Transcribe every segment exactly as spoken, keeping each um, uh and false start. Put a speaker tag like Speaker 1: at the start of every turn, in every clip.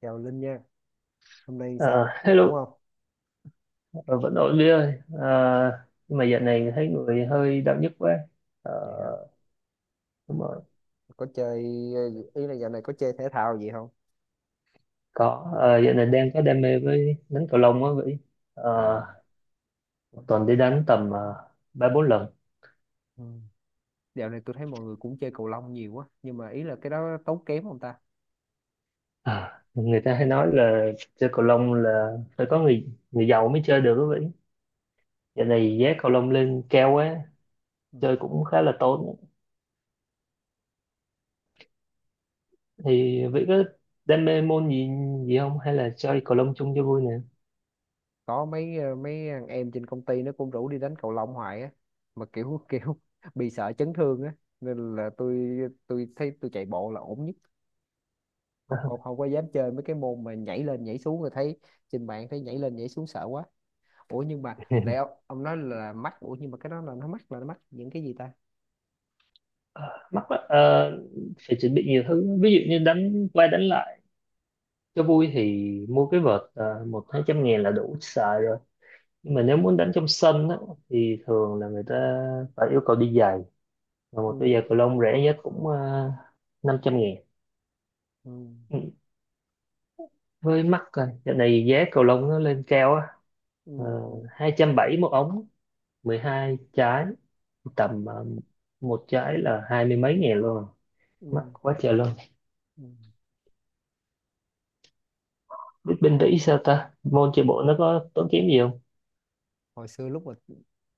Speaker 1: Chào Linh nha, hôm nay
Speaker 2: Ờ,
Speaker 1: sao? Ổn
Speaker 2: Hello,
Speaker 1: không?
Speaker 2: Ờ, vẫn ổn Vy ơi. Ờ, nhưng mà dạo này thấy người hơi đau nhức quá. Ờ,
Speaker 1: Vậy hả?
Speaker 2: đúng rồi,
Speaker 1: Có chơi, ờ, Ý là dạo này có chơi thể thao gì không?
Speaker 2: có. Ờ, dạo này đang có đam mê với đánh cầu lông á Vy. Ờ,
Speaker 1: À,
Speaker 2: một tuần đi đánh tầm ờ, ba bốn lần.
Speaker 1: ừ. Dạo này tôi thấy mọi người cũng chơi cầu lông nhiều quá, nhưng mà ý là cái đó tốn kém không ta?
Speaker 2: Ờ, người ta hay nói là chơi cầu lông là phải có người người giàu mới chơi được á Vy. Dạo này giá cầu lông lên cao quá,
Speaker 1: Ừ.
Speaker 2: chơi cũng khá là tốn. Thì Vy có đam mê môn gì gì không? Hay là chơi cầu lông chung cho vui nè?
Speaker 1: Có mấy ờ, mấy thằng em trên công ty nó cũng rủ đi đánh cầu lông hoài á, mà kiểu kiểu bị sợ chấn thương á, nên là tôi tôi thấy tôi chạy bộ là ổn nhất, không không không có dám chơi mấy cái môn mà nhảy lên nhảy xuống rồi thấy trên mạng thấy nhảy lên nhảy xuống sợ quá. Ủa nhưng mà nãy ông, ông nói là mắc. Ủa nhưng mà cái đó là nó mắc là nó mắc những cái gì ta?
Speaker 2: Ờ, mắc lắm. Ờ, phải chuẩn bị nhiều thứ, ví dụ như đánh qua đánh lại cho vui thì mua cái vợt ờ, một hai trăm ngàn là đủ xài rồi, nhưng mà nếu muốn đánh trong sân á, thì thường là người ta phải yêu cầu đi giày, và một đôi
Speaker 1: Ừ,
Speaker 2: giày cầu lông rẻ nhất cũng uh, năm trăm ngàn.
Speaker 1: ừ,
Speaker 2: Ừ, với mắc rồi, dạo này giá cầu lông nó lên cao á,
Speaker 1: ừ, ừ,
Speaker 2: uh, hai trăm bảy một ống, mười hai trái, tầm ờ, một trái là hai mươi mấy ngàn luôn.
Speaker 1: ừ,
Speaker 2: Mắc quá trời luôn.
Speaker 1: ừ.
Speaker 2: Biết bên Mỹ sao ta, môn chạy bộ nó có tốn kém gì không?
Speaker 1: hồi xưa lúc mà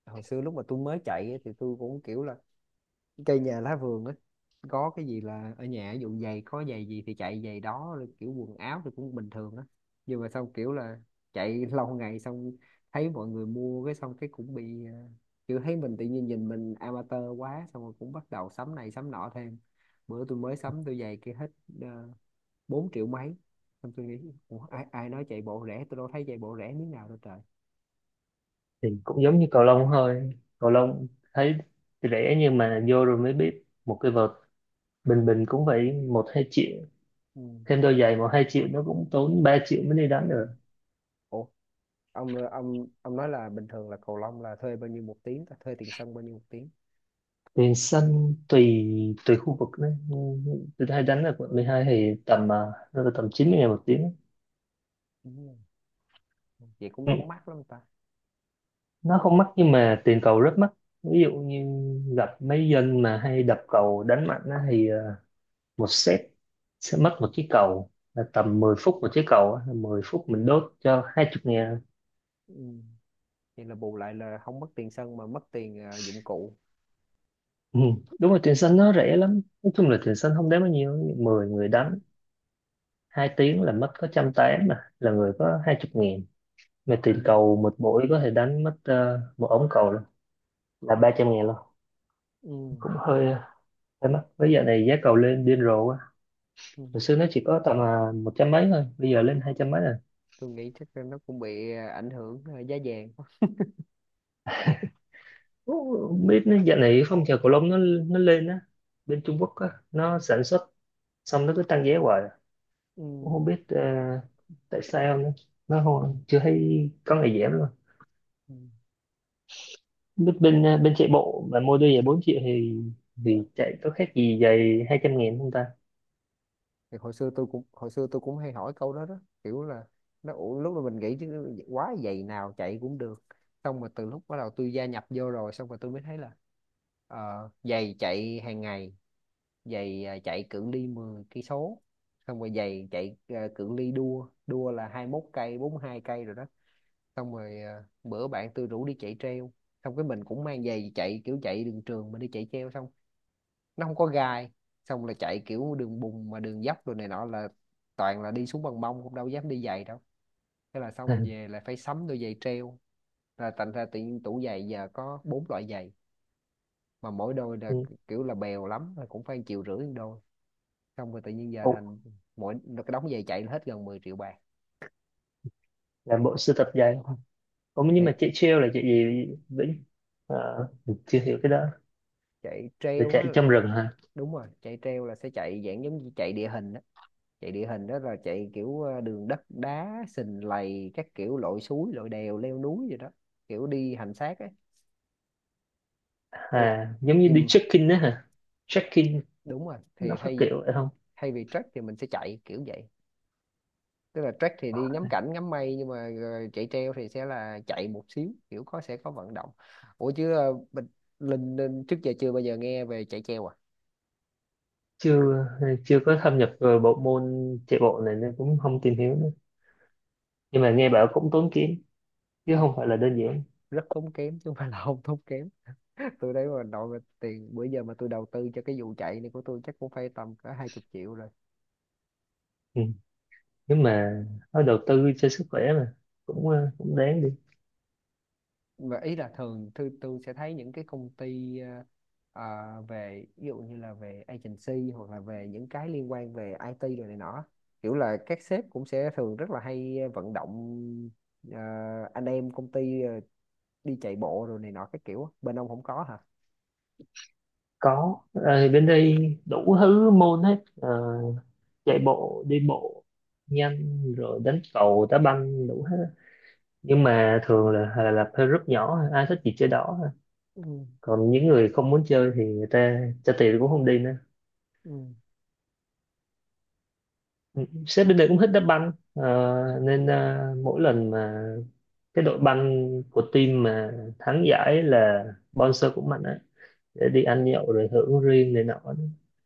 Speaker 1: hồi xưa lúc mà tôi mới chạy ấy, thì tôi cũng kiểu là cây nhà lá vườn á, có cái gì là ở nhà ví dụ giày có giày gì thì chạy giày đó rồi kiểu quần áo thì cũng bình thường á, nhưng mà xong kiểu là chạy lâu ngày xong thấy mọi người mua cái xong cái cũng bị ờ, kiểu thấy mình tự nhiên nhìn mình amateur quá xong rồi cũng bắt đầu sắm này sắm nọ thêm. Bữa tôi mới sắm tôi giày kia hết uh, bốn triệu mấy, xong tôi nghĩ ủa, ai ai nói chạy bộ rẻ tôi đâu thấy chạy bộ rẻ miếng nào đâu trời.
Speaker 2: Thì cũng giống như cầu lông thôi. Cầu lông thấy rẻ nhưng mà vô rồi mới biết một cái vợt bình bình cũng phải một hai triệu,
Speaker 1: Ừ.
Speaker 2: thêm đôi giày một hai triệu, nó cũng tốn ba triệu mới đi đánh
Speaker 1: Ừ.
Speaker 2: được.
Speaker 1: Ủa ông ông ông nói là bình thường là cầu lông là thuê bao nhiêu một tiếng ta, thuê tiền sân bao nhiêu một tiếng?
Speaker 2: Tiền sân tùy tùy khu vực đấy. Ừ, tôi hay đánh ở quận mười hai thì tầm à, nó là tầm chín mươi ngàn một tiếng.
Speaker 1: Đúng vậy cũng
Speaker 2: Ừ,
Speaker 1: đâu có mắc lắm ta.
Speaker 2: nó không mắc nhưng mà tiền cầu rất mắc. Ví dụ như gặp mấy dân mà hay đập cầu đánh mạnh á thì một set sẽ mất một chiếc cầu là tầm mười phút một chiếc cầu á, là mười phút mình đốt cho hai chục ngàn.
Speaker 1: Ừ. Vậy là bù lại là không mất tiền sân mà mất tiền à, dụng cụ.
Speaker 2: Ừ, đúng rồi, tiền xanh nó rẻ lắm, nói chung là tiền xanh không đáng bao nhiêu, mười người
Speaker 1: Ừ.
Speaker 2: đánh hai tiếng là mất có trăm tám, mà là người có hai chục ngàn. Mà
Speaker 1: Ừ.
Speaker 2: tiền cầu một buổi có thể đánh mất ờ, một ống cầu là là ba trăm ngàn luôn.
Speaker 1: Ừ.
Speaker 2: Cũng hơi ờ, hơi mắc, bây giờ này giá cầu lên điên rồ quá.
Speaker 1: Ừ.
Speaker 2: Hồi xưa nó chỉ có tầm à, một trăm mấy thôi, bây giờ lên hai trăm mấy rồi.
Speaker 1: Tôi nghĩ chắc là nó cũng bị à, ảnh hưởng à, giá vàng quá.
Speaker 2: Ủa, không biết nó dạo này phong trào cầu lông nó nó lên á, bên Trung Quốc á nó sản xuất, xong nó cứ tăng giá hoài.
Speaker 1: Ừ.
Speaker 2: Cũng không biết ờ, tại sao nữa. Nó không, chưa thấy có ngày giảm luôn.
Speaker 1: Ừ.
Speaker 2: Biết bên ờ, bên chạy bộ mà mua đôi giày bốn triệu thì thì chạy có khác gì giày hai trăm nghìn không ta?
Speaker 1: Thì hồi xưa tôi cũng hồi xưa tôi cũng hay hỏi câu đó đó kiểu là nó ủa, lúc mà mình nghĩ chứ quá giày nào chạy cũng được, xong mà từ lúc bắt đầu tôi gia nhập vô rồi xong rồi tôi mới thấy là ờ, giày chạy hàng ngày, giày à, chạy cự ly mười cây số, xong rồi giày chạy à, cự ly đua đua là hai mốt cây bốn hai cây rồi đó, xong rồi à, bữa bạn tôi rủ đi chạy treo, xong cái mình cũng mang giày chạy kiểu chạy đường trường mà đi chạy treo, xong nó không có gai, xong là chạy kiểu đường bùn mà đường dốc rồi này nọ là toàn là đi xuống bằng mông cũng đâu dám đi giày đâu, thế là xong về là phải sắm đôi giày treo, là thành ra tự nhiên tủ giày giờ có bốn loại giày mà mỗi đôi là
Speaker 2: Ừ.
Speaker 1: kiểu là bèo lắm là cũng phải chịu rưỡi một đôi, xong rồi tự nhiên giờ
Speaker 2: Ồ,
Speaker 1: thành mỗi cái đống giày chạy là hết gần mười triệu bạc.
Speaker 2: là bộ sưu tập giày. Ồ, nhưng
Speaker 1: Thì
Speaker 2: mà chạy trail là chạy gì Vĩnh? Ờ, mình chưa hiểu cái đó,
Speaker 1: chạy
Speaker 2: là
Speaker 1: treo á,
Speaker 2: chạy trong rừng hả?
Speaker 1: đúng rồi, chạy treo là sẽ chạy dạng giống như chạy địa hình á, chạy địa hình đó là chạy kiểu ờ, đường đất đá sình lầy các kiểu lội suối lội đèo leo núi gì đó, kiểu đi hành xác ấy. Ôi
Speaker 2: À giống như đi
Speaker 1: nhưng
Speaker 2: trekking đó hả? Trekking
Speaker 1: Đúng rồi
Speaker 2: nó
Speaker 1: thì
Speaker 2: phát
Speaker 1: thay vì
Speaker 2: kiểu vậy không?
Speaker 1: thay vì trek thì mình sẽ chạy kiểu vậy, tức là trek thì đi ngắm cảnh ngắm mây nhưng mà ờ, chạy treo thì sẽ là chạy một xíu kiểu có sẽ có vận động. Ủa chứ ờ, mình Linh, Linh trước giờ chưa bao giờ nghe về chạy treo à?
Speaker 2: Chưa chưa có thâm nhập vào bộ môn chạy bộ này nên cũng không tìm hiểu nữa, nhưng mà nghe bảo cũng tốn kém chứ
Speaker 1: Không,
Speaker 2: không phải là đơn giản.
Speaker 1: rất tốn kém chứ không phải là không tốn kém. Tôi đấy mà nội mà tiền bữa giờ mà tôi đầu tư cho cái vụ chạy này của tôi chắc cũng phải tầm cả hai chục triệu rồi.
Speaker 2: Ừ, nhưng mà nói đầu tư cho sức khỏe mà, cũng ờ, cũng đáng đi.
Speaker 1: Mà ý là thường tôi, tôi sẽ thấy những cái công ty ờ, ờ, về ví dụ như là về agency hoặc là về những cái liên quan về ai ti rồi này nọ, kiểu là các sếp cũng sẽ thường rất là hay vận động, ờ, anh em công ty ờ, đi chạy bộ rồi này nọ cái kiểu á. Bên ông không có hả?
Speaker 2: Có. Ờ, bên đây đủ thứ môn hết. Ờ, chạy bộ, đi bộ nhanh, rồi đánh cầu, đá banh đủ hết á. Nhưng mà thường là là, là theo group nhỏ, ai thích gì chơi đó.
Speaker 1: Ừ.
Speaker 2: Còn những người không muốn chơi thì người ta trả tiền cũng không đi nữa.
Speaker 1: Ừ.
Speaker 2: Sếp bên đây cũng thích đá banh. Ờ, nên ờ, mỗi lần mà cái đội banh của team mà thắng giải là sponsor cũng mạnh á, để đi ăn nhậu rồi hưởng riêng này nọ đó.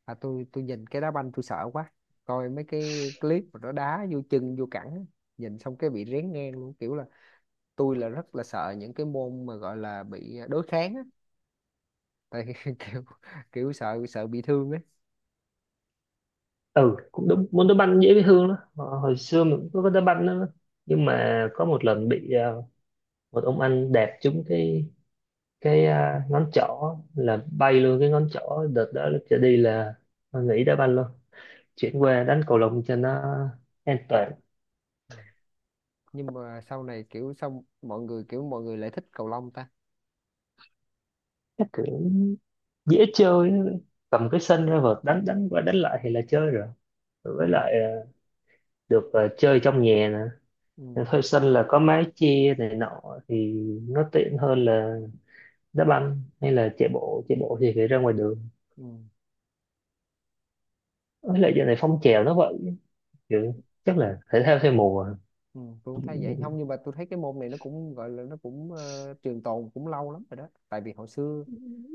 Speaker 1: à, tôi tôi nhìn cái đá banh tôi sợ quá, coi mấy cái clip mà nó đá vô chân vô cẳng á, nhìn xong cái bị rén ngang luôn, kiểu là tôi là rất là sợ những cái môn mà gọi là bị đối kháng á, tại kiểu kiểu sợ sợ bị thương á.
Speaker 2: Ừ, cũng đúng, môn đá banh dễ với Hương đó. Ờ, hồi xưa mình cũng có đá banh đó, nhưng mà có một lần bị ờ, một ông anh đạp trúng cái cái ờ, ngón trỏ, là bay luôn cái ngón trỏ. Đợt đó lúc trở đi là nghỉ đá banh luôn, chuyển qua đánh cầu lông cho nó an toàn.
Speaker 1: Ờ. Nhưng mà sau này kiểu xong mọi người kiểu mọi người lại thích cầu lông ta.
Speaker 2: Chắc kiểu dễ chơi, cầm cái sân ra vợt đánh đánh qua đánh lại thì là chơi rồi.
Speaker 1: Ừ,
Speaker 2: Với lại ờ, được ờ, chơi trong nhà
Speaker 1: ừ,
Speaker 2: nè, thuê sân là có mái che này nọ, thì nó tiện hơn là đá banh hay là chạy bộ. Chạy bộ thì phải ra ngoài đường. Với lại giờ này phong trào nó vậy, kiểu chắc
Speaker 1: ừ.
Speaker 2: là thể thao theo mùa.
Speaker 1: Ừ, tôi cũng thấy vậy không, nhưng mà tôi thấy cái môn này nó cũng gọi là nó cũng ờ, trường tồn cũng lâu lắm rồi đó, tại vì hồi xưa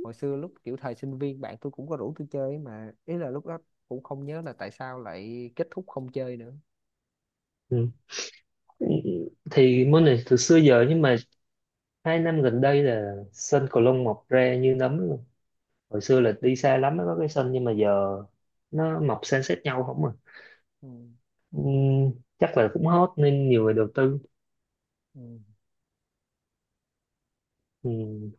Speaker 1: hồi xưa lúc kiểu thời sinh viên bạn tôi cũng có rủ tôi chơi ấy, mà ý là lúc đó cũng không nhớ là tại sao lại kết thúc không chơi nữa.
Speaker 2: Ừ, thì môn này từ xưa giờ, nhưng mà hai năm gần đây là sân cầu lông mọc ra như nấm luôn. Hồi xưa là đi xa lắm mới có cái sân, nhưng mà giờ nó mọc san sát nhau không à.
Speaker 1: Ừ.
Speaker 2: Ừ, chắc là cũng hot nên nhiều người đầu tư.
Speaker 1: Ừ.
Speaker 2: Ừ,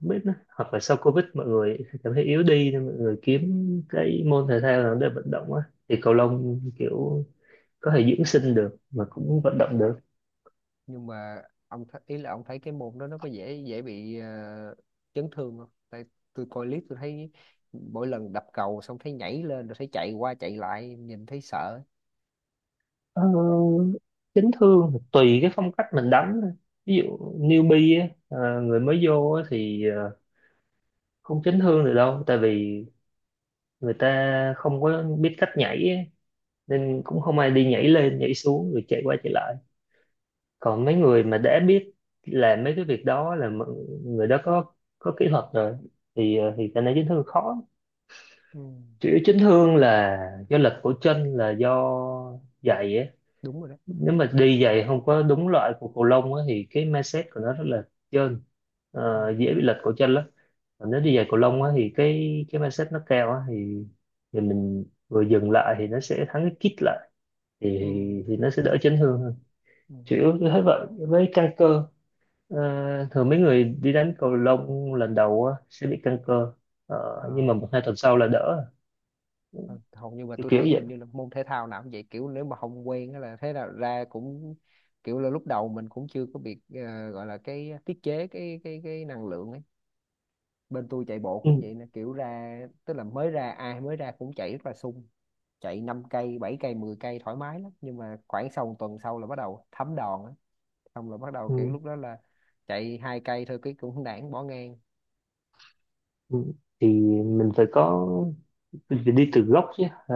Speaker 2: không biết nữa. Hoặc là sau Covid mọi người cảm thấy yếu đi nên mọi người kiếm cái môn thể thao nào để vận động á, thì cầu lông kiểu có thể dưỡng sinh được mà
Speaker 1: Ừ.
Speaker 2: cũng vận động được.
Speaker 1: Nhưng mà ông th- ý là ông thấy cái môn đó nó có dễ dễ bị ờ, chấn thương không, tại tôi coi clip tôi thấy mỗi lần đập cầu xong thấy nhảy lên rồi thấy chạy qua chạy lại nhìn thấy sợ.
Speaker 2: Ờ, chấn thương thì tùy cái phong cách mình đánh thôi. Ví dụ newbie á, ờ, người mới vô á, thì ờ, không chấn thương được đâu, tại vì người ta không có biết cách nhảy á,
Speaker 1: Ừ.
Speaker 2: nên cũng không ai đi nhảy lên nhảy xuống rồi chạy qua chạy lại. Còn mấy người mà đã biết làm mấy cái việc đó là m- người đó có có kỹ thuật rồi, thì ờ, thì cái này chấn thương khó.
Speaker 1: Ừ,
Speaker 2: Chủ yếu chấn thương là do lực của chân, là do giày á.
Speaker 1: đúng rồi đó. Ừ.
Speaker 2: Nếu mà đi giày không có đúng loại của cầu lông á thì cái mindset của nó rất là trơn.
Speaker 1: Ừ.
Speaker 2: Ờ, dễ bị lệch cổ chân lắm. Còn nếu
Speaker 1: Ừ.
Speaker 2: đi giày cầu lông á thì cái cái mindset nó cao á thì thì mình vừa dừng lại thì nó sẽ thắng cái kít lại, thì
Speaker 1: Ừ.
Speaker 2: thì nó sẽ đỡ chấn thương hơn.
Speaker 1: Ừ.
Speaker 2: Chủ yếu như thế vậy, với căng cơ. Ờ, thường mấy người đi đánh cầu lông lần đầu á, sẽ bị căng cơ. Ờ,
Speaker 1: Ờ,
Speaker 2: nhưng mà một hai tuần sau là đỡ.
Speaker 1: thôi, hầu như mà
Speaker 2: kiểu
Speaker 1: tôi
Speaker 2: kiểu
Speaker 1: thấy hình
Speaker 2: vậy.
Speaker 1: như là môn thể thao nào cũng vậy kiểu nếu mà không quen á là thế nào ra cũng kiểu là lúc đầu mình cũng chưa có bị ờ, gọi là cái tiết chế cái cái cái năng lượng ấy. Bên tôi chạy bộ
Speaker 2: Ừ,
Speaker 1: cũng vậy nè kiểu ra, tức là mới ra ai mới ra cũng chạy rất là sung, chạy năm cây bảy cây mười cây thoải mái lắm, nhưng mà khoảng sau một tuần sau là bắt đầu thấm đòn á, xong là bắt đầu kiểu
Speaker 2: ừ,
Speaker 1: lúc đó là chạy hai cây thôi cái cũng nản bỏ ngang.
Speaker 2: ừ. Thì mình phải có mình phải đi từ gốc chứ. Ờ,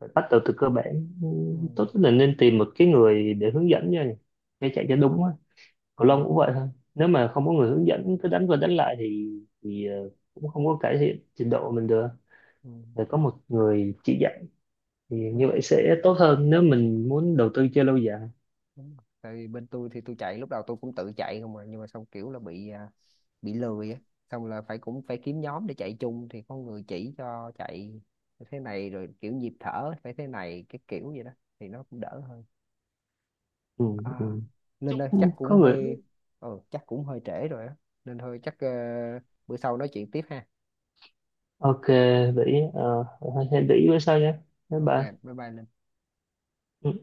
Speaker 2: phải bắt đầu từ cơ bản. Ừ,
Speaker 1: Ừ,
Speaker 2: tốt nhất là nên tìm một cái người để hướng dẫn nha, để chạy cho đúng á.
Speaker 1: ừ,
Speaker 2: Cầu lông cũng vậy thôi, nếu mà không có người hướng dẫn cứ đánh qua đánh lại thì thì ờ, cũng không có cải thiện trình độ mình được.
Speaker 1: ừ,
Speaker 2: Phải có một người chỉ dạy, thì
Speaker 1: đúng
Speaker 2: như
Speaker 1: rồi.
Speaker 2: vậy sẽ tốt hơn nếu mình muốn đầu tư chơi lâu dài.
Speaker 1: Đúng rồi. Tại vì bên tôi thì tôi chạy lúc đầu tôi cũng tự chạy không mà nhưng mà xong kiểu là bị à, bị lười á, xong là phải cũng phải kiếm nhóm để chạy chung thì có người chỉ cho chạy thế này rồi kiểu nhịp thở phải thế này cái kiểu vậy đó thì nó cũng đỡ hơn.
Speaker 2: Ừ, ừ.
Speaker 1: à,
Speaker 2: Chúc
Speaker 1: Linh ơi chắc
Speaker 2: có
Speaker 1: cũng
Speaker 2: người.
Speaker 1: hơi, ừ, chắc cũng hơi trễ rồi á, nên thôi chắc ờ, bữa sau nói chuyện tiếp ha.
Speaker 2: Ok vậy. Uh, hãy để ý bữa sau nhé, bye
Speaker 1: Ok,
Speaker 2: bye.
Speaker 1: bye bye Linh
Speaker 2: Ừ.